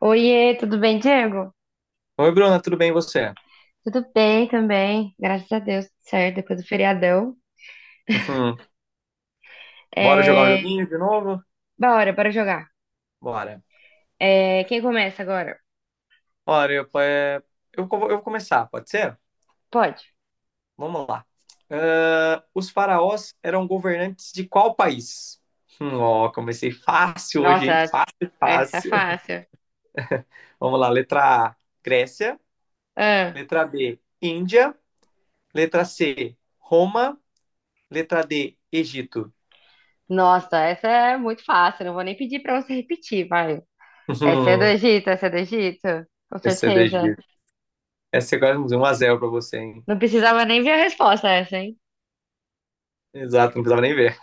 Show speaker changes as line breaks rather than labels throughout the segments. Oiê, tudo bem, Diego?
Oi, Bruna, tudo bem e você?
Tudo bem também, graças a Deus, tudo certo, depois do feriadão.
Uhum. Bora jogar um
É...
joguinho de novo?
bora jogar.
Bora.
Quem começa agora?
Olha, eu vou começar, pode ser?
Pode.
Vamos lá. Os faraós eram governantes de qual país? Ó, comecei fácil hoje,
Nossa,
hein?
essa
Fácil,
essa é
fácil.
fácil.
Vamos lá, letra A, Grécia.
Ah,
Letra B, Índia. Letra C, Roma. Letra D, Egito.
nossa, essa é muito fácil, não vou nem pedir pra você repetir, vai. Essa é do
Uhum.
Egito, essa é do Egito, com
Essa é do
certeza.
Egito. Essa é quase um 1 x pra você, hein?
Não precisava nem ver a resposta essa, hein?
Exato, não precisava nem ver.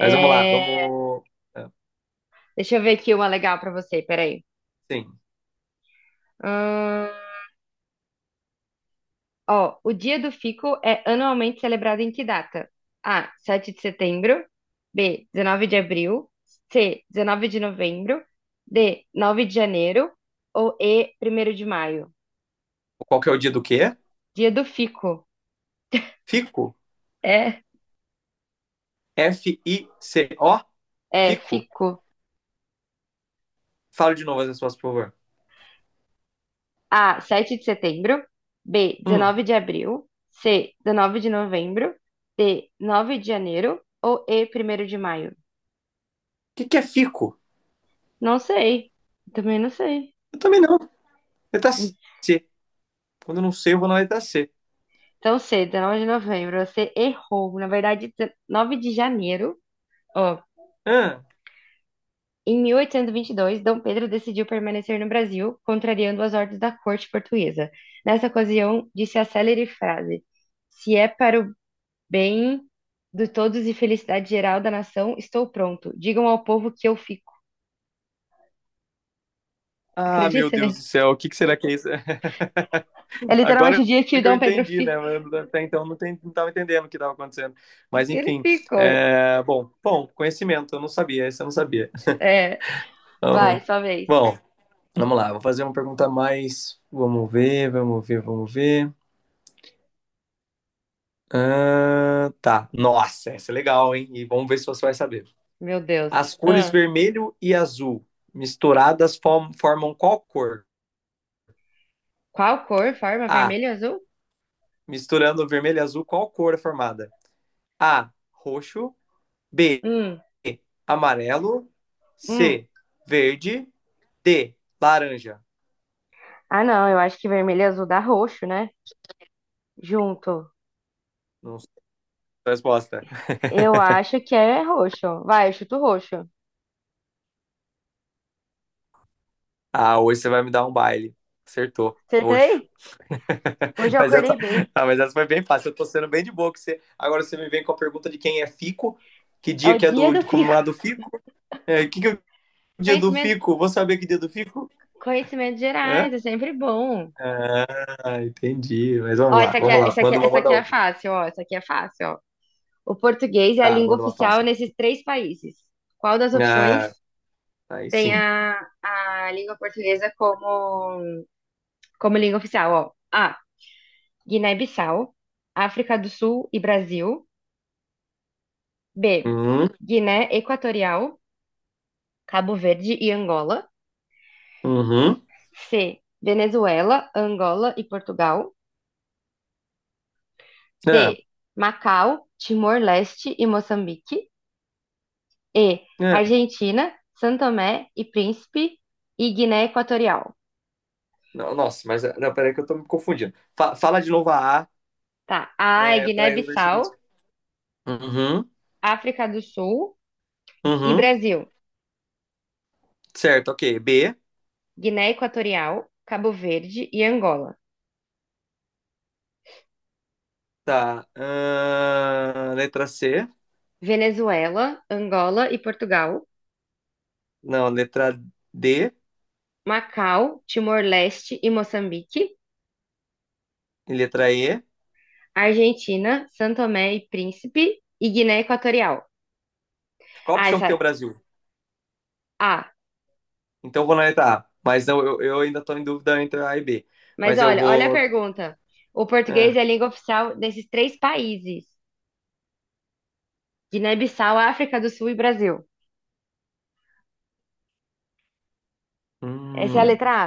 Mas vamos lá, vamos.
Deixa eu ver aqui uma legal pra você, peraí.
Sim.
Hum... Ó, o Dia do Fico é anualmente celebrado em que data? A, 7 de setembro. B, 19 de abril. C, 19 de novembro. D, 9 de janeiro. Ou E, primeiro de maio.
Qual que é o dia do quê?
Dia do Fico.
Fico.
É,
F-I-C-O.
É,
Fico.
fico.
Fala de novo as respostas, por favor.
A, 7 de setembro. B,
Hum. O
19 de abril. C, 19 de novembro. D, 9 de janeiro. Ou E, primeiro de maio.
que é fico?
Não sei. Também não sei.
Eu também não. Letra C. Quando eu não sei, eu vou na letra C.
Tão cedo, 9 de novembro, você errou. Na verdade, 9 de janeiro, ó.
Ah.
Em 1822, Dom Pedro decidiu permanecer no Brasil, contrariando as ordens da corte portuguesa. Nessa ocasião, disse a célere frase: se é para o bem de todos e felicidade geral da nação, estou pronto. Digam ao povo que eu fico.
Ah, meu
Acredita, né?
Deus do céu. O que será que é isso?
É literalmente o
Agora
dia que
é
o
que eu
Dom Pedro
entendi,
fi...
né? Mas até então não, estava entendendo o que estava acontecendo.
que
Mas
ele
enfim.
ficou.
Bom, bom, conhecimento. Eu não sabia. Esse eu não sabia.
É, vai,
Então,
sua vez.
bom, vamos lá. Vou fazer uma pergunta mais. Vamos ver, vamos ver, vamos ver. Ah, tá. Nossa, essa é legal, hein? E vamos ver se você vai saber.
Meu Deus.
As cores
Hum.
vermelho e azul misturadas formam qual cor?
Qual cor? Forma
A.
vermelho e azul?
Misturando vermelho e azul, qual cor é formada? A. Roxo. B.
Hum.
Amarelo.
Hum.
C. Verde. D. Laranja.
Ah, não, eu acho que vermelho e azul dá roxo, né? Junto.
Não sei a resposta.
Eu acho que é roxo. Vai, eu chuto roxo.
Ah, hoje você vai me dar um baile. Acertou. Roxo.
Acertei? Hoje eu
Mas
acordei
essa,
bem.
ah, mas essa foi bem fácil. Eu tô sendo bem de boa. Que você... Agora você me vem com a pergunta de quem é Fico. Que
É
dia
o
que é
dia
do
do
de
fico.
comemorar do Fico? É, que é o dia do
Conhecimento,
Fico? Vou saber que dia do Fico?
conhecimento
Hã?
gerais, é sempre bom.
Ah, entendi. Mas
Ó,
vamos lá, vamos lá. Manda uma,
essa aqui
manda
é
outra.
fácil, ó. Essa aqui é fácil, ó. O português é a
Tá,
língua
manda uma
oficial
fácil.
nesses três países. Qual das opções
Ah, aí
tem
sim.
a língua portuguesa como, como língua oficial? Ó, A. Guiné-Bissau, África do Sul e Brasil. B.
Uhum,
Guiné Equatorial, Cabo Verde e Angola.
uhum.
C. Venezuela, Angola e Portugal.
Ah,
D. Macau, Timor-Leste e Moçambique. E.
ah.
Argentina, São Tomé e Príncipe e Guiné Equatorial.
Não, nossa, mas não, peraí que eu tô me confundindo. Fala de novo a A,
Tá. A é
é, pra eu ver se eu consigo.
Guiné-Bissau,
Uhum,
África do Sul e
uhum.
Brasil.
Certo, ok. B.
Guiné Equatorial, Cabo Verde e Angola.
Tá. Letra C.
Venezuela, Angola e Portugal.
Não, letra D
Macau, Timor-Leste e Moçambique.
e letra E.
Argentina, São Tomé e Príncipe e Guiné Equatorial.
Qual a
Ah,
opção
essa...
que tem o
é.
Brasil?
ah,
Então eu vou na letra A. Mas não, eu ainda tô em dúvida entre A e B.
mas
Mas eu
olha, olha a
vou.
pergunta. O
Ah,
português é a língua oficial desses três países: Guiné-Bissau, África do Sul e Brasil. Essa é a
hum.
letra A.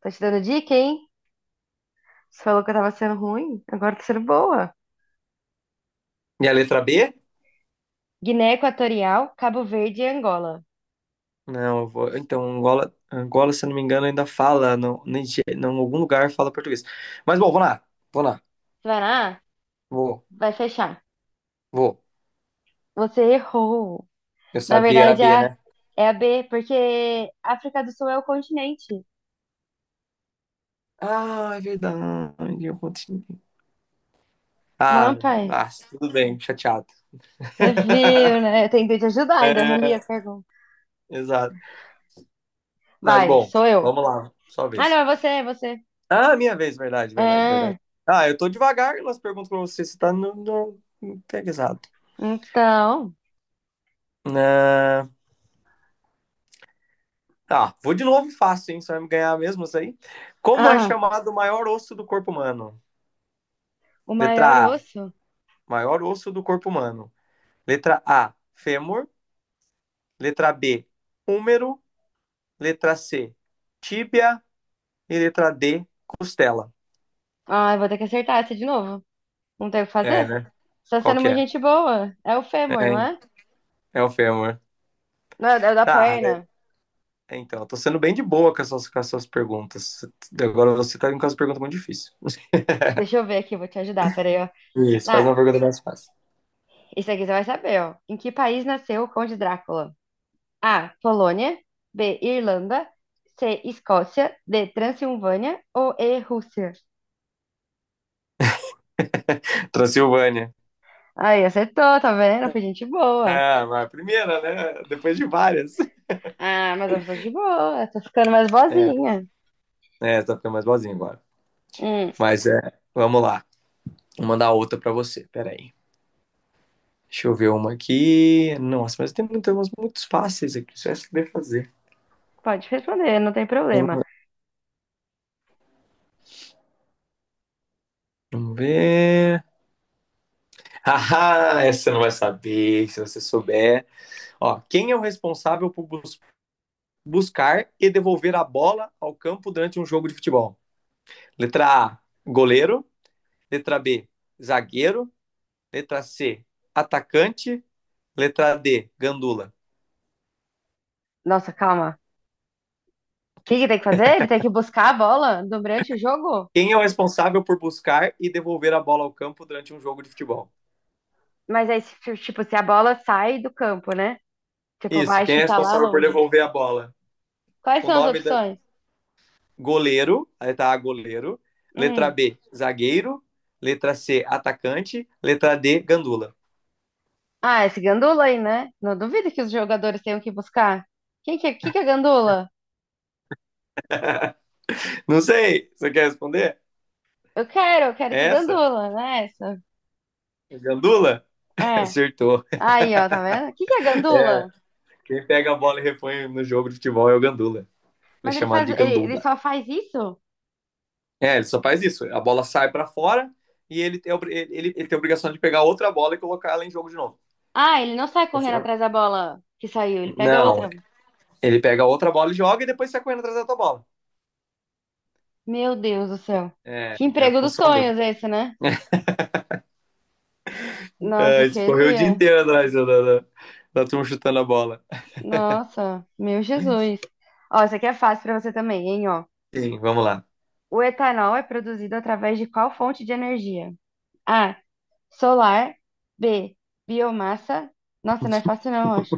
Tô te dando dica, hein? Você falou que eu tava sendo ruim, agora tô sendo boa.
E a letra B?
Guiné Equatorial, Cabo Verde e Angola.
Não, eu vou. Então, Angola, Angola, se eu não me engano, ainda fala. Não, não, em algum lugar fala português. Mas bom, vou lá. Vou lá.
Você vai na A?
Vou,
Vai fechar.
vou.
Você errou.
Eu
Na
sabia, era
verdade, é
B,
a
né?
é a B, porque África do Sul é o continente,
Ah, é verdade. Eu continuo.
não é
Ah,
um país.
ah, tudo bem, chateado.
Você viu, né? Eu tentei te ajudar, ainda eu reli a
É,
pergunta.
exato. Mas
Vai,
bom,
sou eu.
vamos lá, sua
Ah, não,
vez.
é você, é você.
Ah, minha vez, verdade, verdade, verdade.
É,
Ah, eu tô devagar nas perguntas pra você, você tá no pega exato.
então.
Ah, ah, vou de novo fácil, hein? Você vai me ganhar mesmo isso aí? Como é
Ah,
chamado o maior osso do corpo humano?
o maior
Letra A,
osso.
maior osso do corpo humano. Letra A, fêmur. Letra B, húmero. Letra C, tíbia. E letra D, costela.
Ah, eu vou ter que acertar essa de novo. Não tem o que
É,
fazer?
né?
Você tá
Qual
sendo
que
uma
é?
gente boa. É o fêmur, não é?
É, é o fêmur.
Não, é o da
Ah,
perna.
é, então, eu tô sendo bem de boa com com as suas perguntas. Agora você tá indo com as perguntas muito difíceis.
Deixa eu ver aqui, eu vou te ajudar. Peraí, ó.
Isso, faz
Ah,
uma pergunta mais fácil.
isso aqui você vai saber, ó. Em que país nasceu o Conde Drácula? A. Polônia. B. Irlanda. C. Escócia. D. Transilvânia. Ou E. Rússia?
Transilvânia.
Aí, acertou, tá vendo? Foi gente boa.
Ah, mas a primeira, né? Depois de várias.
Ah, mas eu sou de boa, tô ficando mais boazinha.
É, tá ficando mais boazinha agora.
Hum,
Mas é, vamos lá. Vou mandar outra pra você. Peraí. Deixa eu ver uma aqui. Nossa, mas tem muitas umas muito fáceis aqui. Só essa que deve fazer.
pode responder, não tem problema.
Vamos ver. Ah, essa você não vai saber se você souber. Ó, quem é o responsável por, buscar e devolver a bola ao campo durante um jogo de futebol? Letra A, goleiro. Letra B, zagueiro. Letra C, atacante. Letra D, gandula.
Nossa, calma. O que que tem que fazer? Ele tem que buscar a bola durante o jogo?
Quem é o responsável por buscar e devolver a bola ao campo durante um jogo de futebol?
Mas aí, tipo, se a bola sai do campo, né? Tipo,
Isso,
vai
quem é
chutar lá
responsável por
longe.
devolver a bola?
Quais
O
são as
nome da
opções?
goleiro, a letra A, goleiro. Letra
Hum.
B, zagueiro. Letra C, atacante. Letra D, gandula.
Ah, esse gandula aí, né? Não duvido que os jogadores tenham que buscar. Quem que é gandula?
Não sei, você quer responder?
Eu quero
É
esse
essa?
gandula, né? Essa.
É Gandula?
É.
Acertou.
Aí, ó, tá vendo? O que que é gandula?
Quem pega a bola e repõe no jogo de futebol é o Gandula. Ele
Mas
é
ele
chamado
faz,
de
ele
Gandula.
só faz isso?
É, ele só faz isso. A bola sai para fora e ele tem a obrigação de pegar outra bola e colocar ela em jogo de novo.
Ah, ele não sai correndo atrás da bola que saiu, ele pega
Não,
outra.
ele pega outra bola e joga e depois sai correndo atrás da tua bola.
Meu Deus do céu.
É,
Que
é a
emprego dos
função dele.
sonhos esse, né?
É,
Nossa,
ele correu o dia
queria.
inteiro atrás da turma chutando a bola.
Nossa, meu Jesus. Ó, isso aqui é fácil pra você também, hein, ó.
Sim, vamos lá.
O etanol é produzido através de qual fonte de energia? A, solar, B, biomassa. Nossa, não é fácil não, eu acho.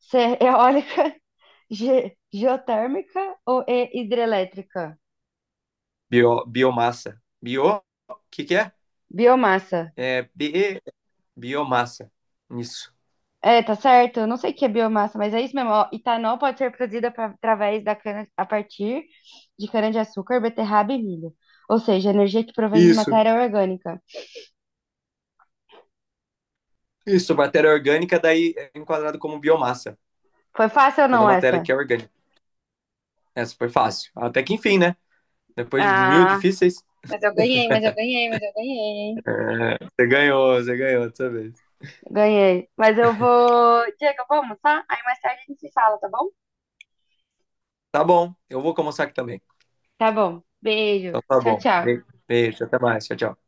C, eólica, G, geotérmica ou E, hidrelétrica?
Bio, biomassa. Bio, o que que é?
Biomassa.
É, bi, biomassa. Isso.
É, tá certo. Eu não sei o que é biomassa, mas é isso mesmo. Ó. Etanol pode ser produzido através da cana, a partir de cana-de-açúcar, beterraba e milho. Ou seja, energia que provém de
Isso,
matéria orgânica.
isso, matéria orgânica daí é enquadrado como biomassa.
Foi fácil ou
Toda
não
matéria
essa?
que é orgânica. Essa foi fácil. Até que enfim, né? Depois de mil
Ah,
difíceis,
Mas eu ganhei, hein?
é, você ganhou dessa vez.
Ganhei. Mas eu vou. Diego, vamos, tá? Aí mais tarde a gente se fala, tá bom?
Tá bom, eu vou almoçar aqui também.
Tá bom. Beijo.
Então tá
Tchau,
bom.
tchau.
Beijo, até mais. Tchau, tchau.